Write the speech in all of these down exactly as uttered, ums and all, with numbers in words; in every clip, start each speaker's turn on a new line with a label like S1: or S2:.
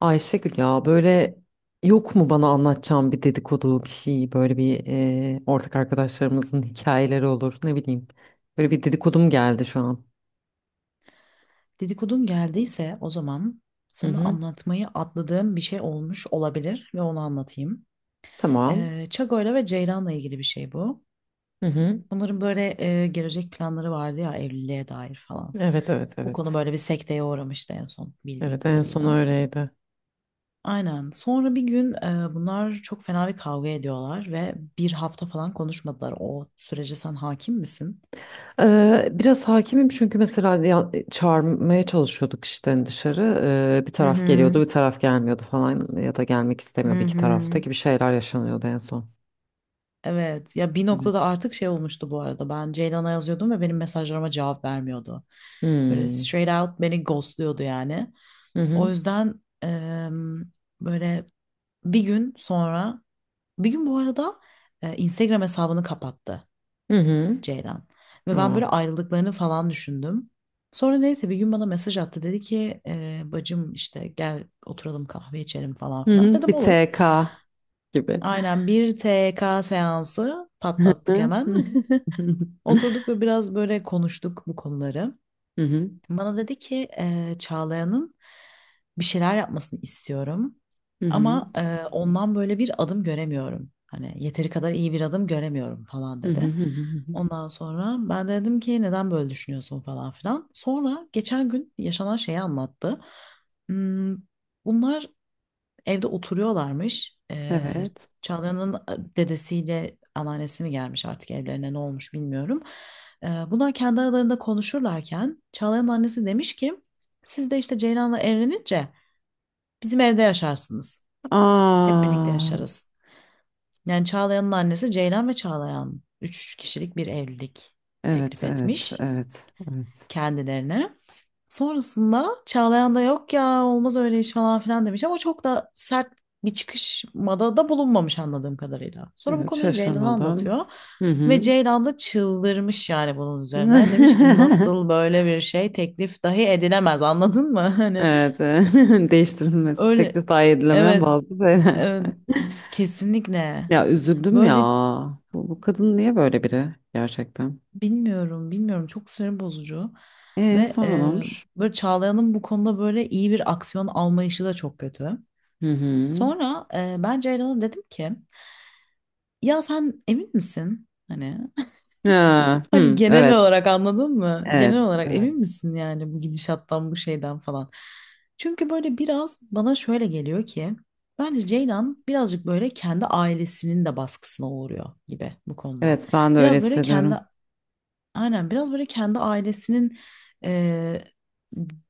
S1: Ayşegül, ya böyle yok mu bana anlatacağım bir dedikodu bir şey, böyle bir e, ortak arkadaşlarımızın hikayeleri olur, ne bileyim. Böyle bir dedikodum geldi şu an.
S2: Dedikodun geldiyse o zaman
S1: Hı
S2: sana
S1: hı.
S2: anlatmayı atladığım bir şey olmuş olabilir ve onu anlatayım.
S1: Tamam.
S2: Ee, Çago'yla ve Ceylan'la ilgili bir şey bu.
S1: Hı hı.
S2: Bunların böyle e, gelecek planları vardı ya evliliğe dair falan.
S1: Evet, evet,
S2: Bu konu
S1: evet.
S2: böyle bir sekteye uğramıştı en son bildiğin
S1: Evet, en son
S2: kadarıyla.
S1: öyleydi.
S2: Aynen. Sonra bir gün e, bunlar çok fena bir kavga ediyorlar ve bir hafta falan konuşmadılar. O sürece sen hakim misin?
S1: Ee, biraz hakimim, çünkü mesela ya- çağırmaya çalışıyorduk işte dışarı. Ee, bir
S2: Hı
S1: taraf
S2: hı.
S1: geliyordu, bir taraf gelmiyordu falan, ya da gelmek istemiyordu,
S2: Hı
S1: iki tarafta
S2: hı.
S1: gibi şeyler yaşanıyordu en son.
S2: Evet ya bir noktada
S1: Evet.
S2: artık şey olmuştu, bu arada ben Ceylan'a yazıyordum ve benim mesajlarıma cevap vermiyordu. Böyle
S1: Hmm.
S2: straight out beni ghostluyordu yani.
S1: Hı
S2: O
S1: hı.
S2: yüzden em, böyle bir gün sonra bir gün bu arada e, Instagram hesabını kapattı
S1: Hı hı.
S2: Ceylan. Ve ben
S1: Aa.
S2: böyle ayrıldıklarını falan düşündüm. Sonra neyse bir gün bana mesaj attı, dedi ki e, bacım işte gel oturalım kahve içelim falan
S1: Hı
S2: filan.
S1: hı,
S2: Dedim
S1: bir
S2: olur.
S1: T K gibi.
S2: Aynen bir T K seansı
S1: Hı
S2: patlattık
S1: hı,
S2: hemen.
S1: hı hı,
S2: Oturduk ve biraz böyle konuştuk bu konuları.
S1: hı hı,
S2: Bana dedi ki eee Çağlayan'ın bir şeyler yapmasını istiyorum.
S1: hı hı,
S2: Ama eee, ondan böyle bir adım göremiyorum. Hani yeteri kadar iyi bir adım göremiyorum falan
S1: hı hı,
S2: dedi.
S1: hı hı.
S2: Ondan sonra ben de dedim ki neden böyle düşünüyorsun falan filan. Sonra geçen gün yaşanan şeyi anlattı. Hmm, bunlar Evde oturuyorlarmış. Ee,
S1: Evet.
S2: Çağla'nın dedesiyle anneannesi mi gelmiş artık evlerine, ne olmuş bilmiyorum. Ee, bunlar kendi aralarında konuşurlarken Çağlayanın annesi demiş ki siz de işte Ceylan'la evlenince bizim evde yaşarsınız. Hep birlikte
S1: Aa,
S2: yaşarız. Yani Çağlayan'ın annesi Ceylan ve Çağlayan üç kişilik bir evlilik
S1: evet,
S2: teklif
S1: evet,
S2: etmiş
S1: evet, evet.
S2: kendilerine. Sonrasında Çağlayan da yok ya olmaz öyle iş falan filan demiş ama çok da sert bir çıkışmada da bulunmamış anladığım kadarıyla. Sonra bu
S1: Evet,
S2: konuyu Ceylan'a
S1: şaşırmadım.
S2: anlatıyor
S1: Hı
S2: ve
S1: hı.
S2: Ceylan da çıldırmış yani bunun üzerine. Demiş ki nasıl böyle bir şey teklif dahi edilemez, anladın mı? Hani
S1: Evet, e, değiştirilmesi
S2: öyle,
S1: teklif dahi edilemeyen
S2: evet,
S1: bazı şeyler.
S2: evet, kesinlikle
S1: Ya, üzüldüm ya.
S2: böyle
S1: Bu, bu kadın niye böyle biri gerçekten?
S2: bilmiyorum, bilmiyorum, çok sinir bozucu
S1: E,
S2: ve
S1: sonra ne
S2: e,
S1: olmuş?
S2: böyle Çağlayan'ın bu konuda böyle iyi bir aksiyon almayışı da çok kötü.
S1: Hı hı.
S2: Sonra e, ben Ceylan'a dedim ki ya sen emin misin? Hani
S1: Ha,
S2: hani
S1: hı,
S2: genel
S1: evet.
S2: olarak anladın mı? Genel
S1: Evet,
S2: olarak
S1: evet.
S2: emin misin yani bu gidişattan bu şeyden falan. Çünkü böyle biraz bana şöyle geliyor ki bence Ceylan birazcık böyle kendi ailesinin de baskısına uğruyor gibi bu konuda.
S1: Evet, ben de öyle
S2: Biraz böyle kendi
S1: hissediyorum.
S2: Aynen biraz böyle kendi ailesinin eee,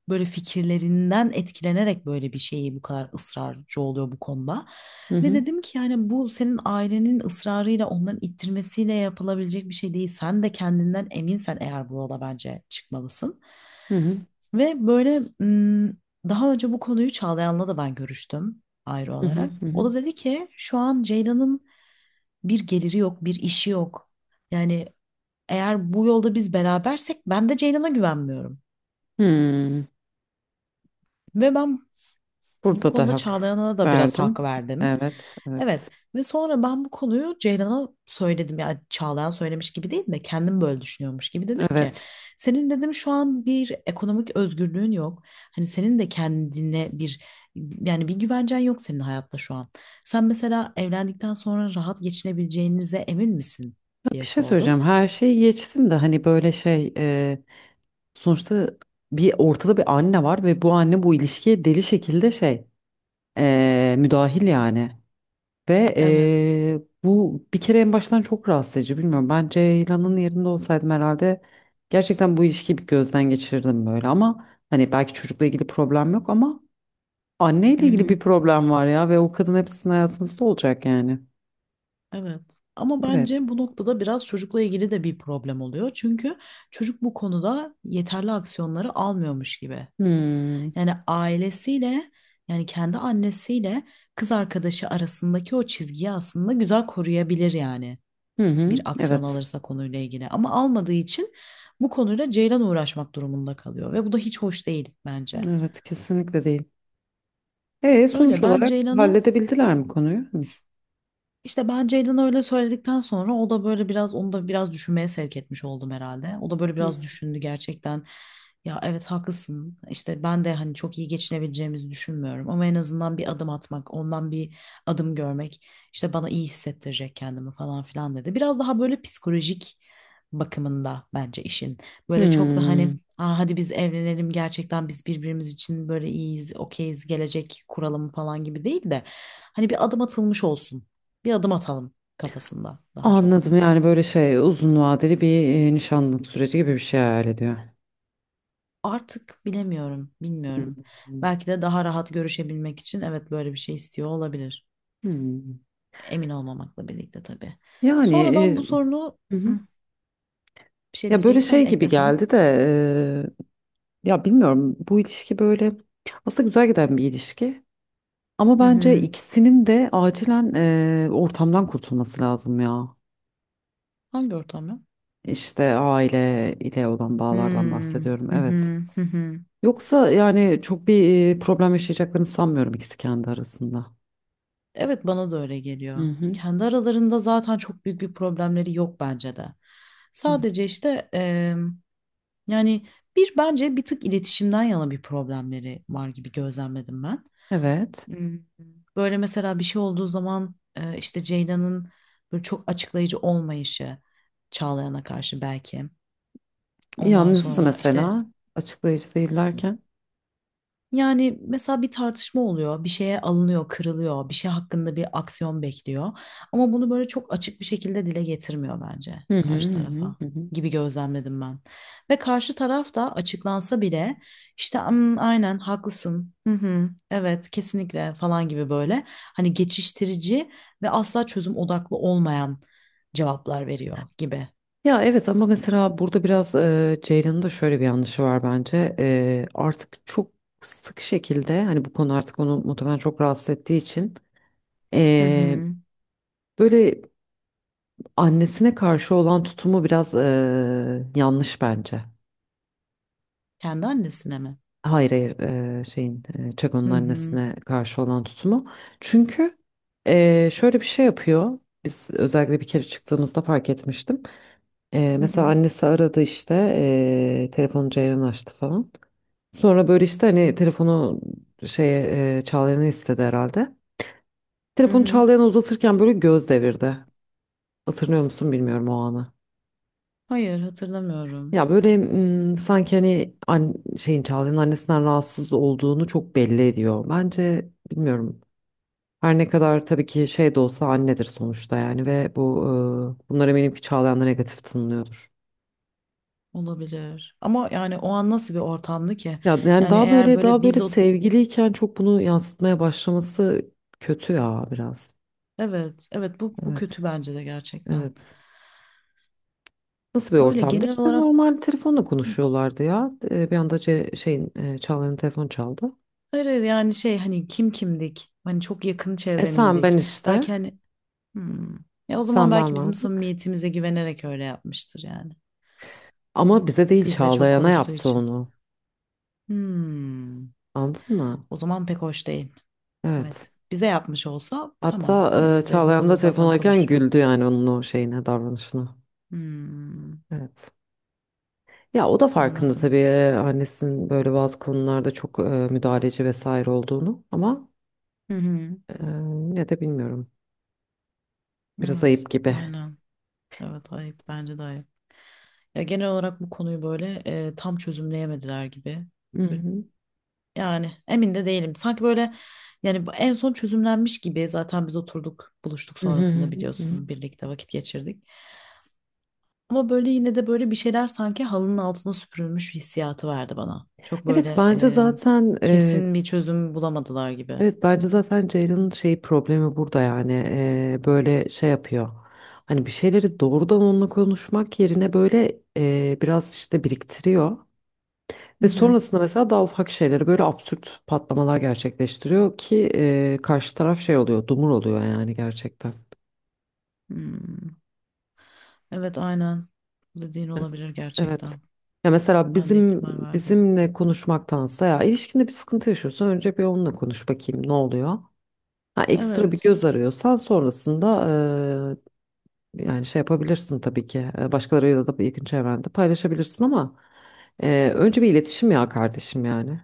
S2: böyle fikirlerinden etkilenerek böyle bir şeyi bu kadar ısrarcı oluyor bu konuda.
S1: Hı
S2: Ve
S1: hı,
S2: dedim ki yani bu senin ailenin ısrarıyla, onların ittirmesiyle yapılabilecek bir şey değil. Sen de kendinden eminsen eğer bu yola bence çıkmalısın.
S1: hı hı,
S2: Ve böyle ım, daha önce bu konuyu Çağlayan'la da ben görüştüm ayrı
S1: hı hı,
S2: olarak.
S1: hı
S2: O
S1: hı.
S2: da dedi ki şu an Ceylan'ın bir geliri yok, bir işi yok. Yani eğer bu yolda biz berabersek, ben de Ceylan'a güvenmiyorum.
S1: Hmm,
S2: Ve ben bu
S1: burada da
S2: konuda
S1: hak
S2: Çağlayan'a da biraz
S1: verdim.
S2: hak verdim.
S1: Evet, evet,
S2: Evet, ve sonra ben bu konuyu Ceylan'a söyledim. Yani Çağlayan söylemiş gibi değil de kendim böyle düşünüyormuş gibi dedim ki
S1: evet.
S2: senin dedim şu an bir ekonomik özgürlüğün yok. Hani senin de kendine bir, yani bir güvencen yok senin hayatta şu an. Sen mesela evlendikten sonra rahat geçinebileceğinize emin misin
S1: Ya, bir
S2: diye
S1: şey
S2: sordum.
S1: söyleyeceğim. Her şeyi geçtim de hani böyle şey e, sonuçta bir ortada bir anne var ve bu anne bu ilişkiye deli şekilde şey e, müdahil yani. Ve
S2: Evet.
S1: eee, bu bir kere en baştan çok rahatsız edici, bilmiyorum. Ben Ceylan'ın yerinde olsaydım herhalde gerçekten bu ilişkiyi bir gözden geçirirdim böyle. Ama hani belki çocukla ilgili problem yok ama
S2: Hı
S1: anneyle ilgili
S2: hı.
S1: bir problem var ya, ve o kadın hepsinin hayatınızda olacak yani.
S2: Evet. Ama
S1: Evet.
S2: bence bu noktada biraz çocukla ilgili de bir problem oluyor. Çünkü çocuk bu konuda yeterli aksiyonları almıyormuş gibi.
S1: Hmm.
S2: Yani ailesiyle, yani kendi annesiyle kız arkadaşı arasındaki o çizgiyi aslında güzel koruyabilir yani,
S1: Hı
S2: bir
S1: hı.
S2: aksiyon
S1: Evet.
S2: alırsa konuyla ilgili. Ama almadığı için bu konuyla Ceylan uğraşmak durumunda kalıyor ve bu da hiç hoş değil bence.
S1: Evet, kesinlikle değil. E, sonuç
S2: Öyle ben
S1: olarak
S2: Ceylan'a
S1: halledebildiler mi konuyu? Hı.
S2: İşte ben Ceylan'a öyle söyledikten sonra o da böyle biraz, onu da biraz düşünmeye sevk etmiş oldum herhalde. O da böyle
S1: Hı.
S2: biraz düşündü gerçekten. Ya evet haklısın. İşte ben de hani çok iyi geçinebileceğimizi düşünmüyorum ama en azından bir adım atmak, ondan bir adım görmek işte bana iyi hissettirecek kendimi falan filan dedi. Biraz daha böyle psikolojik bakımında bence işin. Böyle çok da hani,
S1: Hmm.
S2: aa, hadi biz evlenelim gerçekten, biz birbirimiz için böyle iyiyiz, okeyiz, gelecek kuralım falan gibi değil de hani bir adım atılmış olsun, bir adım atalım kafasında daha çok.
S1: Anladım, yani böyle şey, uzun vadeli bir e, nişanlık süreci gibi bir şey hayal ediyor.
S2: Artık bilemiyorum,
S1: Hı
S2: bilmiyorum.
S1: hı.
S2: Belki de daha rahat görüşebilmek için evet böyle bir şey istiyor olabilir.
S1: Hmm.
S2: Emin olmamakla birlikte tabii.
S1: Yani
S2: Sonradan bu sorunu
S1: e, hı hı.
S2: Hı, bir şey
S1: Ya böyle
S2: diyeceksen
S1: şey gibi
S2: eklesen.
S1: geldi de, e, ya bilmiyorum, bu ilişki böyle aslında güzel giden bir ilişki ama
S2: Hı
S1: bence
S2: hı.
S1: ikisinin de acilen e, ortamdan kurtulması lazım ya.
S2: Hangi ortam ya?
S1: İşte aile ile olan bağlardan
S2: Hmm.
S1: bahsediyorum,
S2: Hı
S1: evet.
S2: hı. Hı hı.
S1: Yoksa yani çok bir e, problem yaşayacaklarını sanmıyorum ikisi kendi arasında.
S2: Evet, bana da öyle
S1: Hı
S2: geliyor.
S1: hı.
S2: Kendi aralarında zaten çok büyük bir problemleri yok bence de.
S1: Hı, hı.
S2: Sadece işte, yani bir, bence bir tık iletişimden yana bir problemleri var gibi gözlemledim ben.
S1: Evet.
S2: Hmm, Böyle mesela bir şey olduğu zaman e, işte Ceylan'ın böyle çok açıklayıcı olmayışı Çağlayan'a karşı belki. Ondan
S1: Yalnızsa
S2: sonra işte,
S1: mesela açıklayıcı değillerken.
S2: yani mesela bir tartışma oluyor, bir şeye alınıyor, kırılıyor, bir şey hakkında bir aksiyon bekliyor. Ama bunu böyle çok açık bir şekilde dile getirmiyor bence
S1: Hı hı,
S2: karşı
S1: hı hı,
S2: tarafa
S1: hı hı.
S2: gibi gözlemledim ben. Ve karşı taraf da açıklansa bile işte "Hmm, aynen haklısın, hı hı, evet kesinlikle" falan gibi, böyle hani geçiştirici ve asla çözüm odaklı olmayan cevaplar veriyor gibi.
S1: Ya evet, ama mesela burada biraz e, Ceylan'ın da şöyle bir yanlışı var bence. E, artık çok sık şekilde, hani bu konu artık onu muhtemelen çok rahatsız ettiği için,
S2: Hı
S1: e,
S2: hı.
S1: böyle annesine karşı olan tutumu biraz e, yanlış bence.
S2: Kendi annesine mi?
S1: Hayır, hayır, e, şeyin, e,
S2: Hı
S1: Çako'nun
S2: hı.
S1: annesine karşı olan tutumu. Çünkü e, şöyle bir şey yapıyor. Biz özellikle bir kere çıktığımızda fark etmiştim. Ee,
S2: Hı
S1: mesela
S2: hı.
S1: annesi aradı, işte ee, telefonu Ceylan açtı falan. Sonra böyle işte hani telefonu şeye, ee, Çağlayan'a istedi herhalde.
S2: Hı
S1: Telefonu
S2: hı.
S1: Çağlayan'a uzatırken böyle göz devirdi. Hatırlıyor musun, bilmiyorum, o anı.
S2: Hayır, hatırlamıyorum.
S1: Ya böyle mm, sanki hani an, şeyin, Çağlayan'ın annesinden rahatsız olduğunu çok belli ediyor. Bence, bilmiyorum. Her ne kadar tabii ki şey de olsa annedir sonuçta yani, ve bu ee, bunlar eminim ki Çağlayan'da negatif tınlıyordur.
S2: Olabilir. Ama yani o an nasıl bir ortamdı ki?
S1: Ya yani,
S2: Yani
S1: daha
S2: eğer
S1: böyle, daha
S2: böyle
S1: böyle
S2: biz o
S1: sevgiliyken çok bunu yansıtmaya başlaması kötü ya biraz.
S2: evet, evet, bu bu
S1: Evet.
S2: kötü bence de gerçekten.
S1: Evet. Nasıl bir
S2: Öyle
S1: ortamdı?
S2: genel
S1: İşte
S2: olarak,
S1: normal telefonla konuşuyorlardı ya. Ee, Bir anda ce- şeyin, e, Çağla'nın telefonu çaldı.
S2: hayır, hayır, yani şey hani kim kimdik? Hani çok yakın
S1: E,
S2: çevre
S1: sen ben
S2: miydik?
S1: işte.
S2: Belki hani, hmm. Ya o zaman
S1: Sen ben
S2: belki bizim
S1: vardık.
S2: samimiyetimize güvenerek öyle yapmıştır yani.
S1: Ama bize değil,
S2: Bizle çok
S1: Çağlayan'a
S2: konuştuğu
S1: yaptı
S2: için.
S1: onu.
S2: Hmm.
S1: Anladın mı?
S2: O zaman pek hoş değil.
S1: Evet.
S2: Evet. Bize yapmış olsa tamam.
S1: Hatta
S2: Hani
S1: e,
S2: bizle bu
S1: Çağlayan da
S2: konuyu
S1: telefon
S2: zaten
S1: alırken
S2: konuşuyor.
S1: güldü yani onun o şeyine, davranışına.
S2: Hmm.
S1: Evet. Ya o da farkında
S2: Anladım.
S1: tabii, e, annesinin böyle bazı konularda çok e, müdahaleci vesaire olduğunu ama
S2: Hı hı.
S1: e, yine de bilmiyorum. Biraz
S2: Evet,
S1: ayıp gibi.
S2: aynen. Evet, ayıp. Bence de ayıp. Ya genel olarak bu konuyu böyle e, tam çözümleyemediler gibi.
S1: Hı hı.
S2: Yani emin de değilim. Sanki böyle, yani bu en son çözümlenmiş gibi zaten, biz oturduk, buluştuk,
S1: Hı hı, hı
S2: sonrasında
S1: hı, hı.
S2: biliyorsun birlikte vakit geçirdik. Ama böyle yine de böyle bir şeyler sanki halının altına süpürülmüş hissiyatı verdi bana. Çok
S1: Evet,
S2: böyle
S1: bence
S2: e,
S1: zaten e,
S2: kesin bir çözüm bulamadılar gibi.
S1: evet bence zaten Ceylan'ın şey problemi burada yani. E, böyle şey yapıyor. Hani bir şeyleri doğrudan onunla konuşmak yerine böyle e, biraz işte biriktiriyor.
S2: Hı
S1: Ve
S2: hı.
S1: sonrasında mesela daha ufak şeyleri böyle absürt patlamalar gerçekleştiriyor ki, e, karşı taraf şey oluyor, dumur oluyor yani gerçekten.
S2: Hmm. Evet, aynen. Bu dediğin olabilir
S1: Evet.
S2: gerçekten.
S1: Ya mesela
S2: Ben de
S1: bizim
S2: ihtimal verdim.
S1: bizimle konuşmaktansa, ya ilişkinde bir sıkıntı yaşıyorsan önce bir onunla konuş bakayım ne oluyor. Ha, ekstra bir
S2: Evet.
S1: göz arıyorsan sonrasında e, yani şey yapabilirsin tabii ki. E, başkalarıyla da yakın çevrende paylaşabilirsin ama e, önce bir iletişim ya kardeşim yani.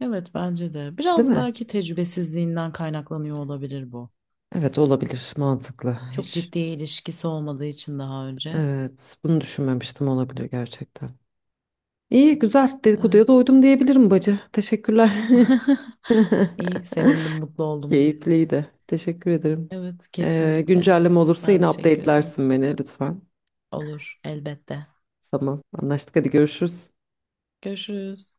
S2: Evet, bence de.
S1: Değil
S2: Biraz
S1: mi?
S2: belki tecrübesizliğinden kaynaklanıyor olabilir bu.
S1: Evet, olabilir, mantıklı.
S2: Çok
S1: Hiç.
S2: ciddi ilişkisi olmadığı için daha önce.
S1: Evet, bunu düşünmemiştim, olabilir gerçekten. İyi, güzel. Dedikoduya
S2: Evet.
S1: doydum diyebilirim bacı. Teşekkürler.
S2: İyi, sevindim, mutlu oldum.
S1: Keyifliydi. Teşekkür ederim.
S2: Evet,
S1: Ee,
S2: kesinlikle.
S1: güncelleme olursa
S2: Ben
S1: yine
S2: teşekkür ederim.
S1: update'lersin beni lütfen.
S2: Olur, elbette.
S1: Tamam, anlaştık. Hadi, görüşürüz.
S2: Görüşürüz.